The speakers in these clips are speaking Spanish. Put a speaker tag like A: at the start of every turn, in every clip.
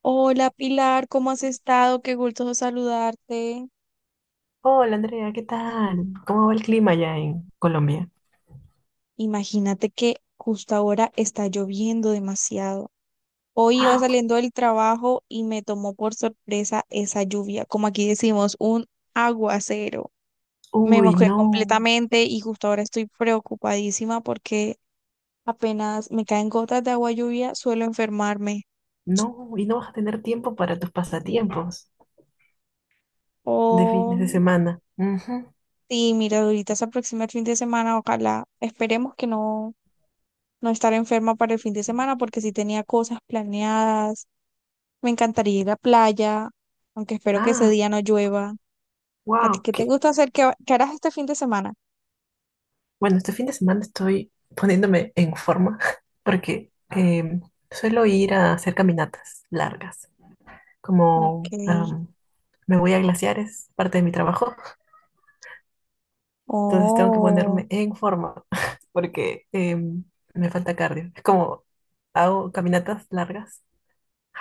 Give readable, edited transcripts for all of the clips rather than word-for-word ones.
A: Hola Pilar, ¿cómo has estado? Qué gusto saludarte.
B: Hola Andrea, ¿qué tal? ¿Cómo va el clima allá en Colombia?
A: Imagínate que justo ahora está lloviendo demasiado. Hoy iba saliendo del trabajo y me tomó por sorpresa esa lluvia, como aquí decimos, un aguacero. Me
B: Uy,
A: mojé
B: no,
A: completamente y justo ahora estoy preocupadísima porque apenas me caen gotas de agua lluvia, suelo enfermarme.
B: no, y no vas a tener tiempo para tus pasatiempos de fines de
A: Oh,
B: semana. Ujú.
A: sí, mira, ahorita se aproxima el fin de semana, ojalá, esperemos que no no estar enferma para el fin de semana porque sí tenía cosas planeadas. Me encantaría ir a playa, aunque espero que ese
B: Ah,
A: día no llueva. ¿A ti
B: wow,
A: qué te
B: que
A: gusta hacer? ¿Qué harás este fin de semana?
B: bueno, este fin de semana estoy poniéndome en forma porque suelo ir a hacer caminatas largas,
A: Ok.
B: como me voy a glaciares, parte de mi trabajo. Entonces tengo que
A: Oh,
B: ponerme en forma porque me falta cardio. Es como hago caminatas largas.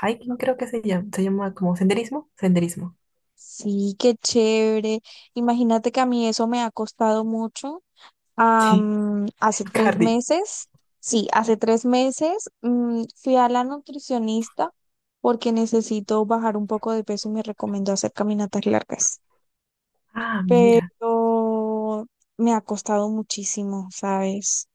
B: Hiking creo que se llama. Se llama como senderismo. Senderismo.
A: sí, qué chévere. Imagínate que a mí eso me ha costado mucho.
B: Sí,
A: Hace tres
B: cardio.
A: meses, sí, hace tres meses fui a la nutricionista porque necesito bajar un poco de peso y me recomendó hacer caminatas largas.
B: Ah, mira.
A: Pero me ha costado muchísimo, ¿sabes?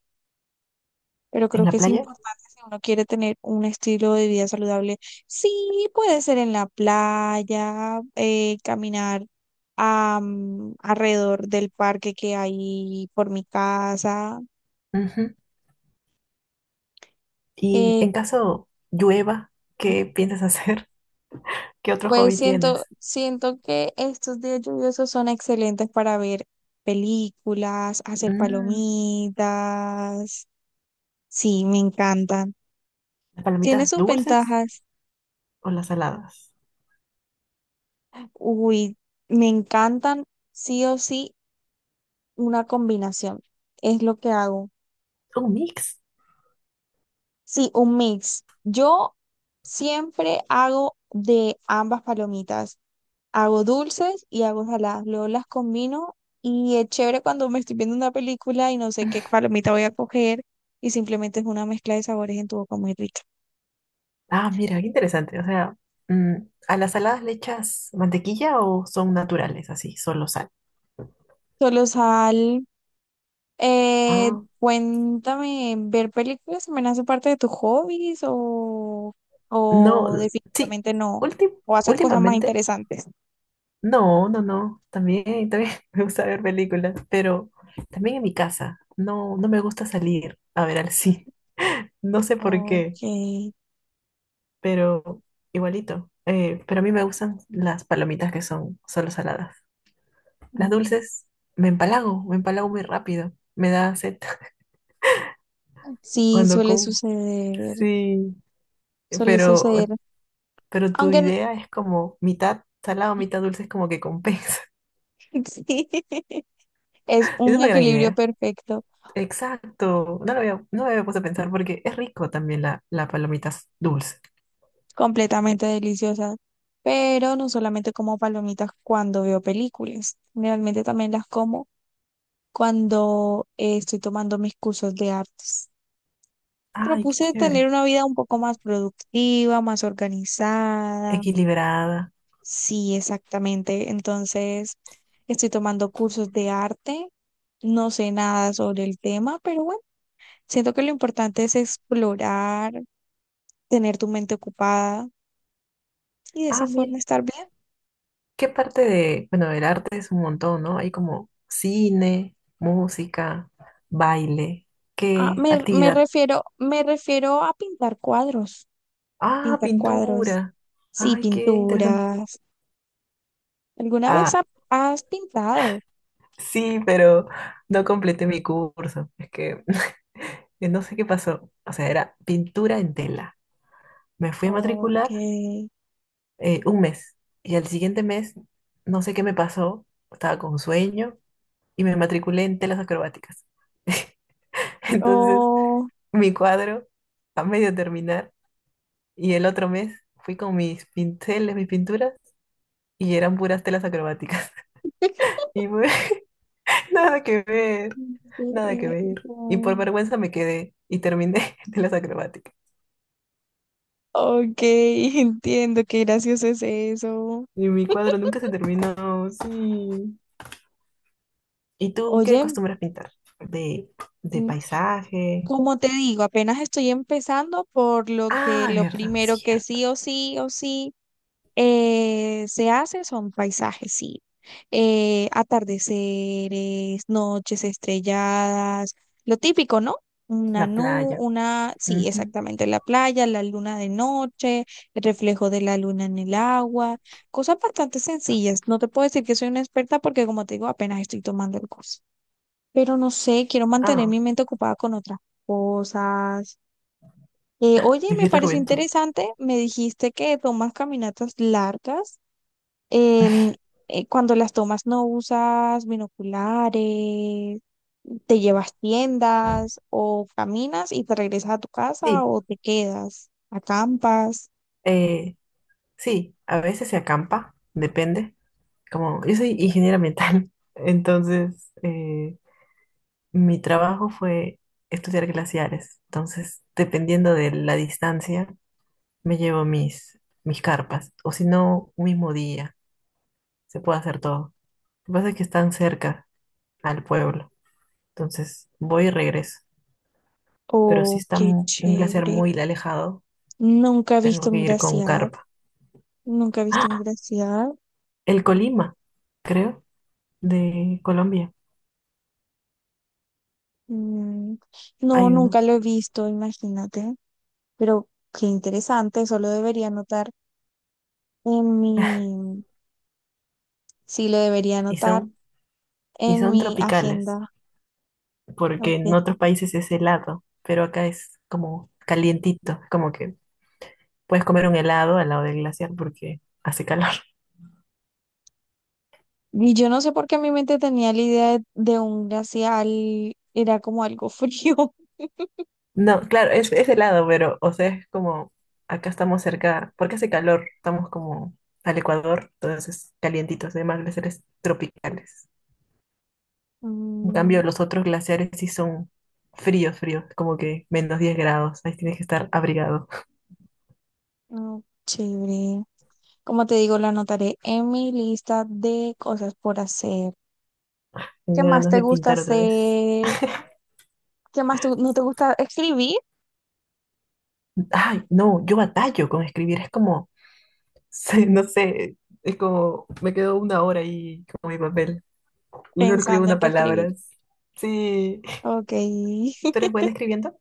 A: Pero
B: En
A: creo que
B: la
A: es
B: playa.
A: importante si uno quiere tener un estilo de vida saludable. Sí, puede ser en la playa, caminar a, alrededor del parque que hay por mi casa.
B: Ujú. Y
A: Eh,
B: en caso llueva, ¿qué piensas hacer? ¿Qué otro
A: pues
B: hobby
A: siento,
B: tienes?
A: siento que estos días lluviosos son excelentes para ver películas, hacer
B: Mm,
A: palomitas. Sí, me encantan.
B: ¿Las
A: Tiene
B: palomitas
A: sus
B: dulces
A: ventajas.
B: o las saladas?
A: Uy, me encantan sí o sí una combinación. Es lo que hago.
B: Un mix.
A: Sí, un mix. Yo siempre hago de ambas palomitas. Hago dulces y hago saladas. Luego las combino y es chévere cuando me estoy viendo una película y no sé qué palomita voy a coger y simplemente es una mezcla de sabores en tu boca muy rica.
B: Ah, mira, qué interesante. O sea, mm, ¿a las saladas le echas mantequilla o son naturales, así, solo sal?
A: Solo sal. Eh,
B: Ah,
A: Cuéntame, ¿ver películas también hace parte de tus hobbies
B: no,
A: o
B: sí,
A: definitivamente no?
B: últim-
A: ¿O haces cosas más
B: últimamente,
A: interesantes?
B: no, no, no, también, también me gusta ver películas, pero también en mi casa, no, no me gusta salir a ver al cine, no sé por qué,
A: Ok.
B: pero igualito, pero a mí me gustan las palomitas que son solo saladas, las
A: Mm,
B: dulces, me empalago muy rápido, me da sed
A: sí,
B: cuando
A: suele
B: como.
A: suceder,
B: Sí,
A: suele
B: pero,
A: suceder.
B: pero tu
A: Aunque n-
B: idea es como mitad salado, mitad dulce, es como que compensa.
A: sí, es
B: Es
A: un
B: una gran
A: equilibrio
B: idea.
A: perfecto,
B: Exacto. No lo había, no me había puesto a pensar porque es rico también la, palomita dulce.
A: completamente deliciosa. Pero no solamente como palomitas cuando veo películas, generalmente también las como cuando estoy tomando mis cursos de artes.
B: Ay, qué
A: Propuse
B: chévere.
A: tener una vida un poco más productiva, más organizada.
B: Equilibrada.
A: Sí, exactamente. Entonces, estoy tomando cursos de arte. No sé nada sobre el tema, pero bueno, siento que lo importante es explorar, tener tu mente ocupada y de esa
B: Ah, mira.
A: forma estar bien.
B: ¿Qué parte de, bueno, del arte? Es un montón, ¿no? Hay como cine, música, baile.
A: Ah,
B: ¿Qué actividad?
A: me refiero a pintar cuadros,
B: Ah,
A: pintar cuadros.
B: pintura.
A: Sí,
B: Ay, qué interesante.
A: pinturas. ¿Alguna vez
B: Ah,
A: ha- ¿Has pintado?
B: sí, pero no completé mi curso. Es que no sé qué pasó. O sea, era pintura en tela. Me fui a
A: Ok.
B: matricular un mes y al siguiente mes no sé qué me pasó. Estaba con sueño y me matriculé en telas acrobáticas. Entonces,
A: O
B: mi cuadro a medio terminar y el otro mes fui con mis pinceles, mis pinturas y eran puras telas acrobáticas. Y fue nada que ver. Nada que ver. Y por
A: entiendo.
B: vergüenza me quedé y terminé de las acrobáticas.
A: Ok, entiendo, qué gracioso es eso.
B: Y mi cuadro nunca se terminó, sí. ¿Y tú qué
A: Oye,
B: acostumbras pintar? De, de
A: mm,
B: paisaje.
A: como te digo, apenas estoy empezando, por lo que
B: Ah,
A: lo
B: verdad,
A: primero que
B: cierto.
A: sí o sí o sí. Se hace son paisajes, sí. Atardeceres, noches estrelladas, lo típico, ¿no? Una
B: La
A: nube,
B: playa.
A: una, sí,
B: Ujú.
A: exactamente, la playa, la luna de noche, el reflejo de la luna en el agua, cosas bastante sencillas. No te puedo decir que soy una experta porque, como te digo, apenas estoy tomando el curso. Pero no sé, quiero mantener mi
B: Ah,
A: mente ocupada con otras cosas. Oye, me
B: vivir la
A: pareció
B: juventud.
A: interesante, me dijiste que tomas caminatas largas en- cuando las tomas no usas binoculares, te llevas tiendas o caminas y te regresas a tu casa
B: Sí,
A: o te quedas, acampas.
B: eh, sí, a veces se acampa, depende. Como yo soy ingeniera ambiental, entonces mi trabajo fue estudiar glaciares. Entonces, dependiendo de la distancia, me llevo mis, carpas, o si no, un mismo día, se puede hacer todo. Lo que pasa es que están cerca al pueblo, entonces voy y regreso. Pero si
A: Oh,
B: está
A: qué
B: un glaciar
A: chévere.
B: muy alejado,
A: Nunca he visto
B: tengo que
A: un
B: ir con
A: glaciar,
B: carpa.
A: nunca he visto un glaciar.
B: El Colima, creo, de Colombia,
A: Mm, no,
B: hay
A: nunca lo
B: unos,
A: he visto, imagínate. Pero qué interesante, eso lo debería anotar en sí, lo debería
B: y
A: anotar
B: son, y
A: en
B: son
A: mi
B: tropicales,
A: agenda.
B: porque en
A: Ok.
B: otros países es helado, pero acá es como calientito, como que puedes comer un helado al lado del glaciar porque hace calor.
A: Y yo no sé por qué en mi mente tenía la idea de un glacial, era como algo frío.
B: No, claro, es helado, pero, o sea, es como, acá estamos cerca, porque hace calor, estamos como al Ecuador, entonces calientitos, además glaciares tropicales. En
A: Mm,
B: cambio, los otros glaciares sí son fríos, fríos, como que -10 grados, ahí tienes que estar abrigado.
A: no, chévere. Como te digo, lo anotaré en mi lista de cosas por hacer. ¿Qué
B: Tengo
A: más
B: ganas
A: te
B: de
A: gusta
B: pintar otra vez.
A: hacer? ¿No te gusta escribir?
B: Ay, no, yo batallo con escribir, es como, sí, no sé, es como, me quedo 1 hora ahí con mi papel y solo escribo
A: Pensando en
B: una
A: qué
B: palabra.
A: escribir.
B: Sí,
A: Ok.
B: ¿tú eres buena escribiendo?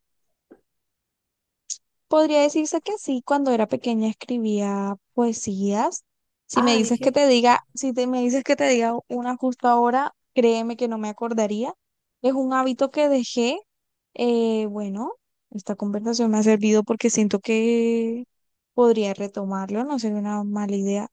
A: Podría decirse que sí, cuando era pequeña escribía poesías. Si me
B: Ay,
A: dices que
B: ¿qué?
A: te diga, si te, me dices que te diga una justo ahora, créeme que no me acordaría. Es un hábito que dejé. Bueno, esta conversación me ha servido porque siento que podría retomarlo, no sería una mala idea,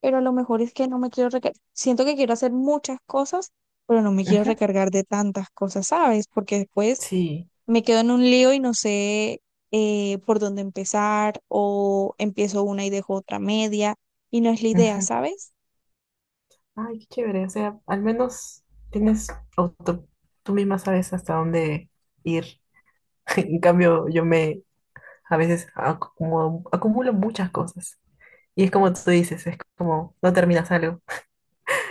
A: pero a lo mejor es que no me quiero recargar. Siento que quiero hacer muchas cosas, pero no me quiero
B: Ujú.
A: recargar de tantas cosas, ¿sabes? Porque después
B: Sí.
A: me quedo en un lío y no sé por dónde empezar o empiezo una y dejo otra media y no es la idea,
B: Ujú.
A: ¿sabes?
B: Ay, qué chévere. O sea, al menos tienes auto, tú misma sabes hasta dónde ir. En cambio, yo me a veces acumulo, acumulo muchas cosas. Y es como tú dices, es como no terminas algo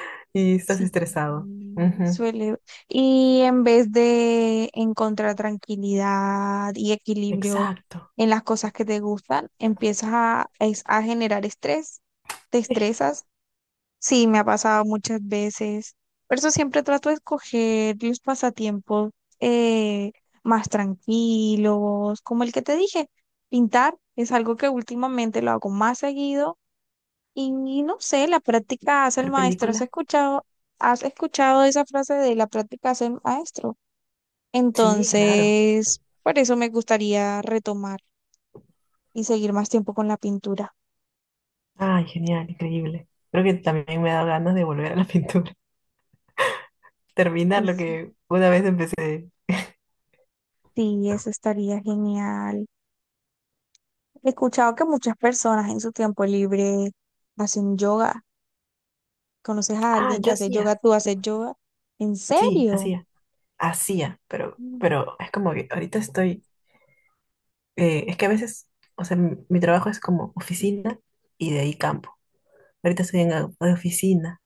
B: y estás
A: Sí,
B: estresado. Ujú.
A: suele. Y en vez de encontrar tranquilidad y equilibrio
B: Exacto.
A: en las cosas que te gustan, a generar estrés, te
B: Sí.
A: estresas. Sí, me ha pasado muchas veces. Por eso siempre trato de escoger los pasatiempos eh, más tranquilos, como el que te dije. Pintar es algo que últimamente lo hago más seguido y no sé, la práctica hace el
B: ¿Ver
A: maestro.
B: película?
A: ¿Has escuchado esa frase de la práctica hace el maestro?
B: Sí, claro.
A: Entonces, por eso me gustaría retomar y seguir más tiempo con la pintura.
B: Ay, genial, increíble. Creo que también me ha dado ganas de volver a la pintura. Terminar lo
A: Eso,
B: que una vez empecé.
A: sí, eso estaría genial. He escuchado que muchas personas en su tiempo libre hacen yoga. ¿Conoces a
B: Ah,
A: alguien que
B: yo
A: hace yoga?
B: hacía.
A: ¿Tú haces yoga? ¿En
B: Sí,
A: serio?
B: hacía, hacía, pero,
A: Mm,
B: pero es como que ahorita estoy, es que a veces, o sea, mi, trabajo es como oficina y de ahí campo. Ahorita estoy en la de oficina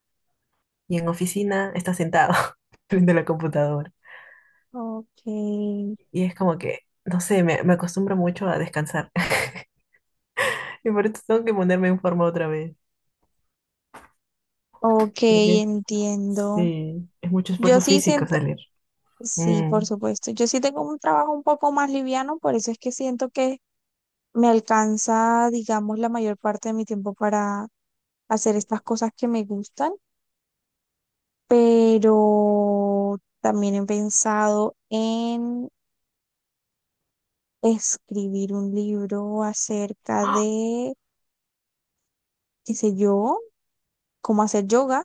B: y en oficina está sentado frente a la computadora.
A: ok,
B: Y es como que, no sé, me acostumbro mucho a descansar. Y por eso tengo que ponerme en forma otra vez,
A: ok,
B: porque
A: entiendo.
B: sí, es mucho
A: Yo
B: esfuerzo
A: sí
B: físico
A: siento,
B: salir.
A: sí,
B: Mm.
A: por supuesto. Yo sí tengo un trabajo un poco más liviano, por eso es que siento que me alcanza, digamos, la mayor parte de mi tiempo para hacer estas cosas que me gustan, pero también he pensado escribir un libro acerca
B: Ah,
A: de, qué sé yo, cómo hacer yoga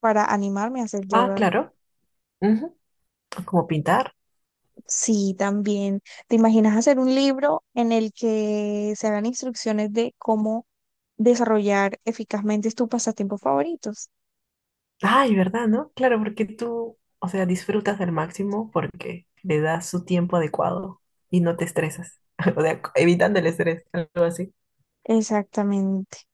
A: para animarme a hacer
B: ah,
A: yoga.
B: claro. Ujú. Como pintar.
A: Sí, también. ¿Te imaginas hacer un libro en el que se hagan instrucciones de cómo desarrollar eficazmente tus pasatiempos favoritos?
B: Ay, ¿verdad, no? Claro, porque tú, o sea, disfrutas al máximo porque le das su tiempo adecuado y no te estresas. O sea, evitando el estrés, algo así.
A: Exactamente,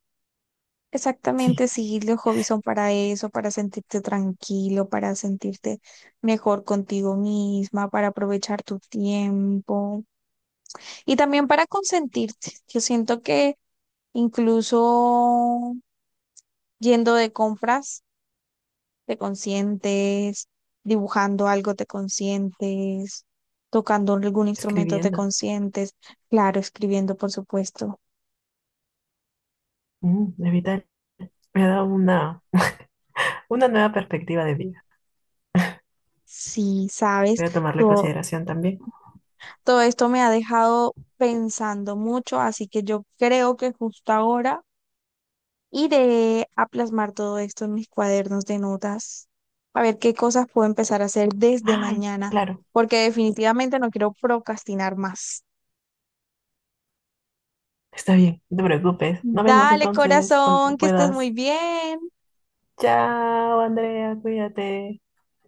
B: Sí,
A: exactamente, sí, los hobbies son para eso, para sentirte tranquilo, para sentirte mejor contigo misma, para aprovechar tu tiempo. Y también para consentirte. Yo siento que incluso yendo de compras, te consientes, dibujando algo, te consientes, tocando algún instrumento, te
B: escribiendo.
A: consientes, claro, escribiendo, por supuesto.
B: Mm, evitar. Me ha dado una, nueva perspectiva de vida.
A: Sí, sabes,
B: Voy a tomarla en
A: todo,
B: consideración también.
A: todo esto me ha dejado pensando mucho, así que yo creo que justo ahora iré a plasmar todo esto en mis cuadernos de notas, a ver qué cosas puedo empezar a hacer desde
B: Ay,
A: mañana,
B: claro.
A: porque definitivamente no quiero procrastinar más.
B: Está bien, no te preocupes. Nos vemos
A: Dale,
B: entonces cuando
A: corazón, que estés muy
B: puedas.
A: bien.
B: Chao, Andrea, cuídate.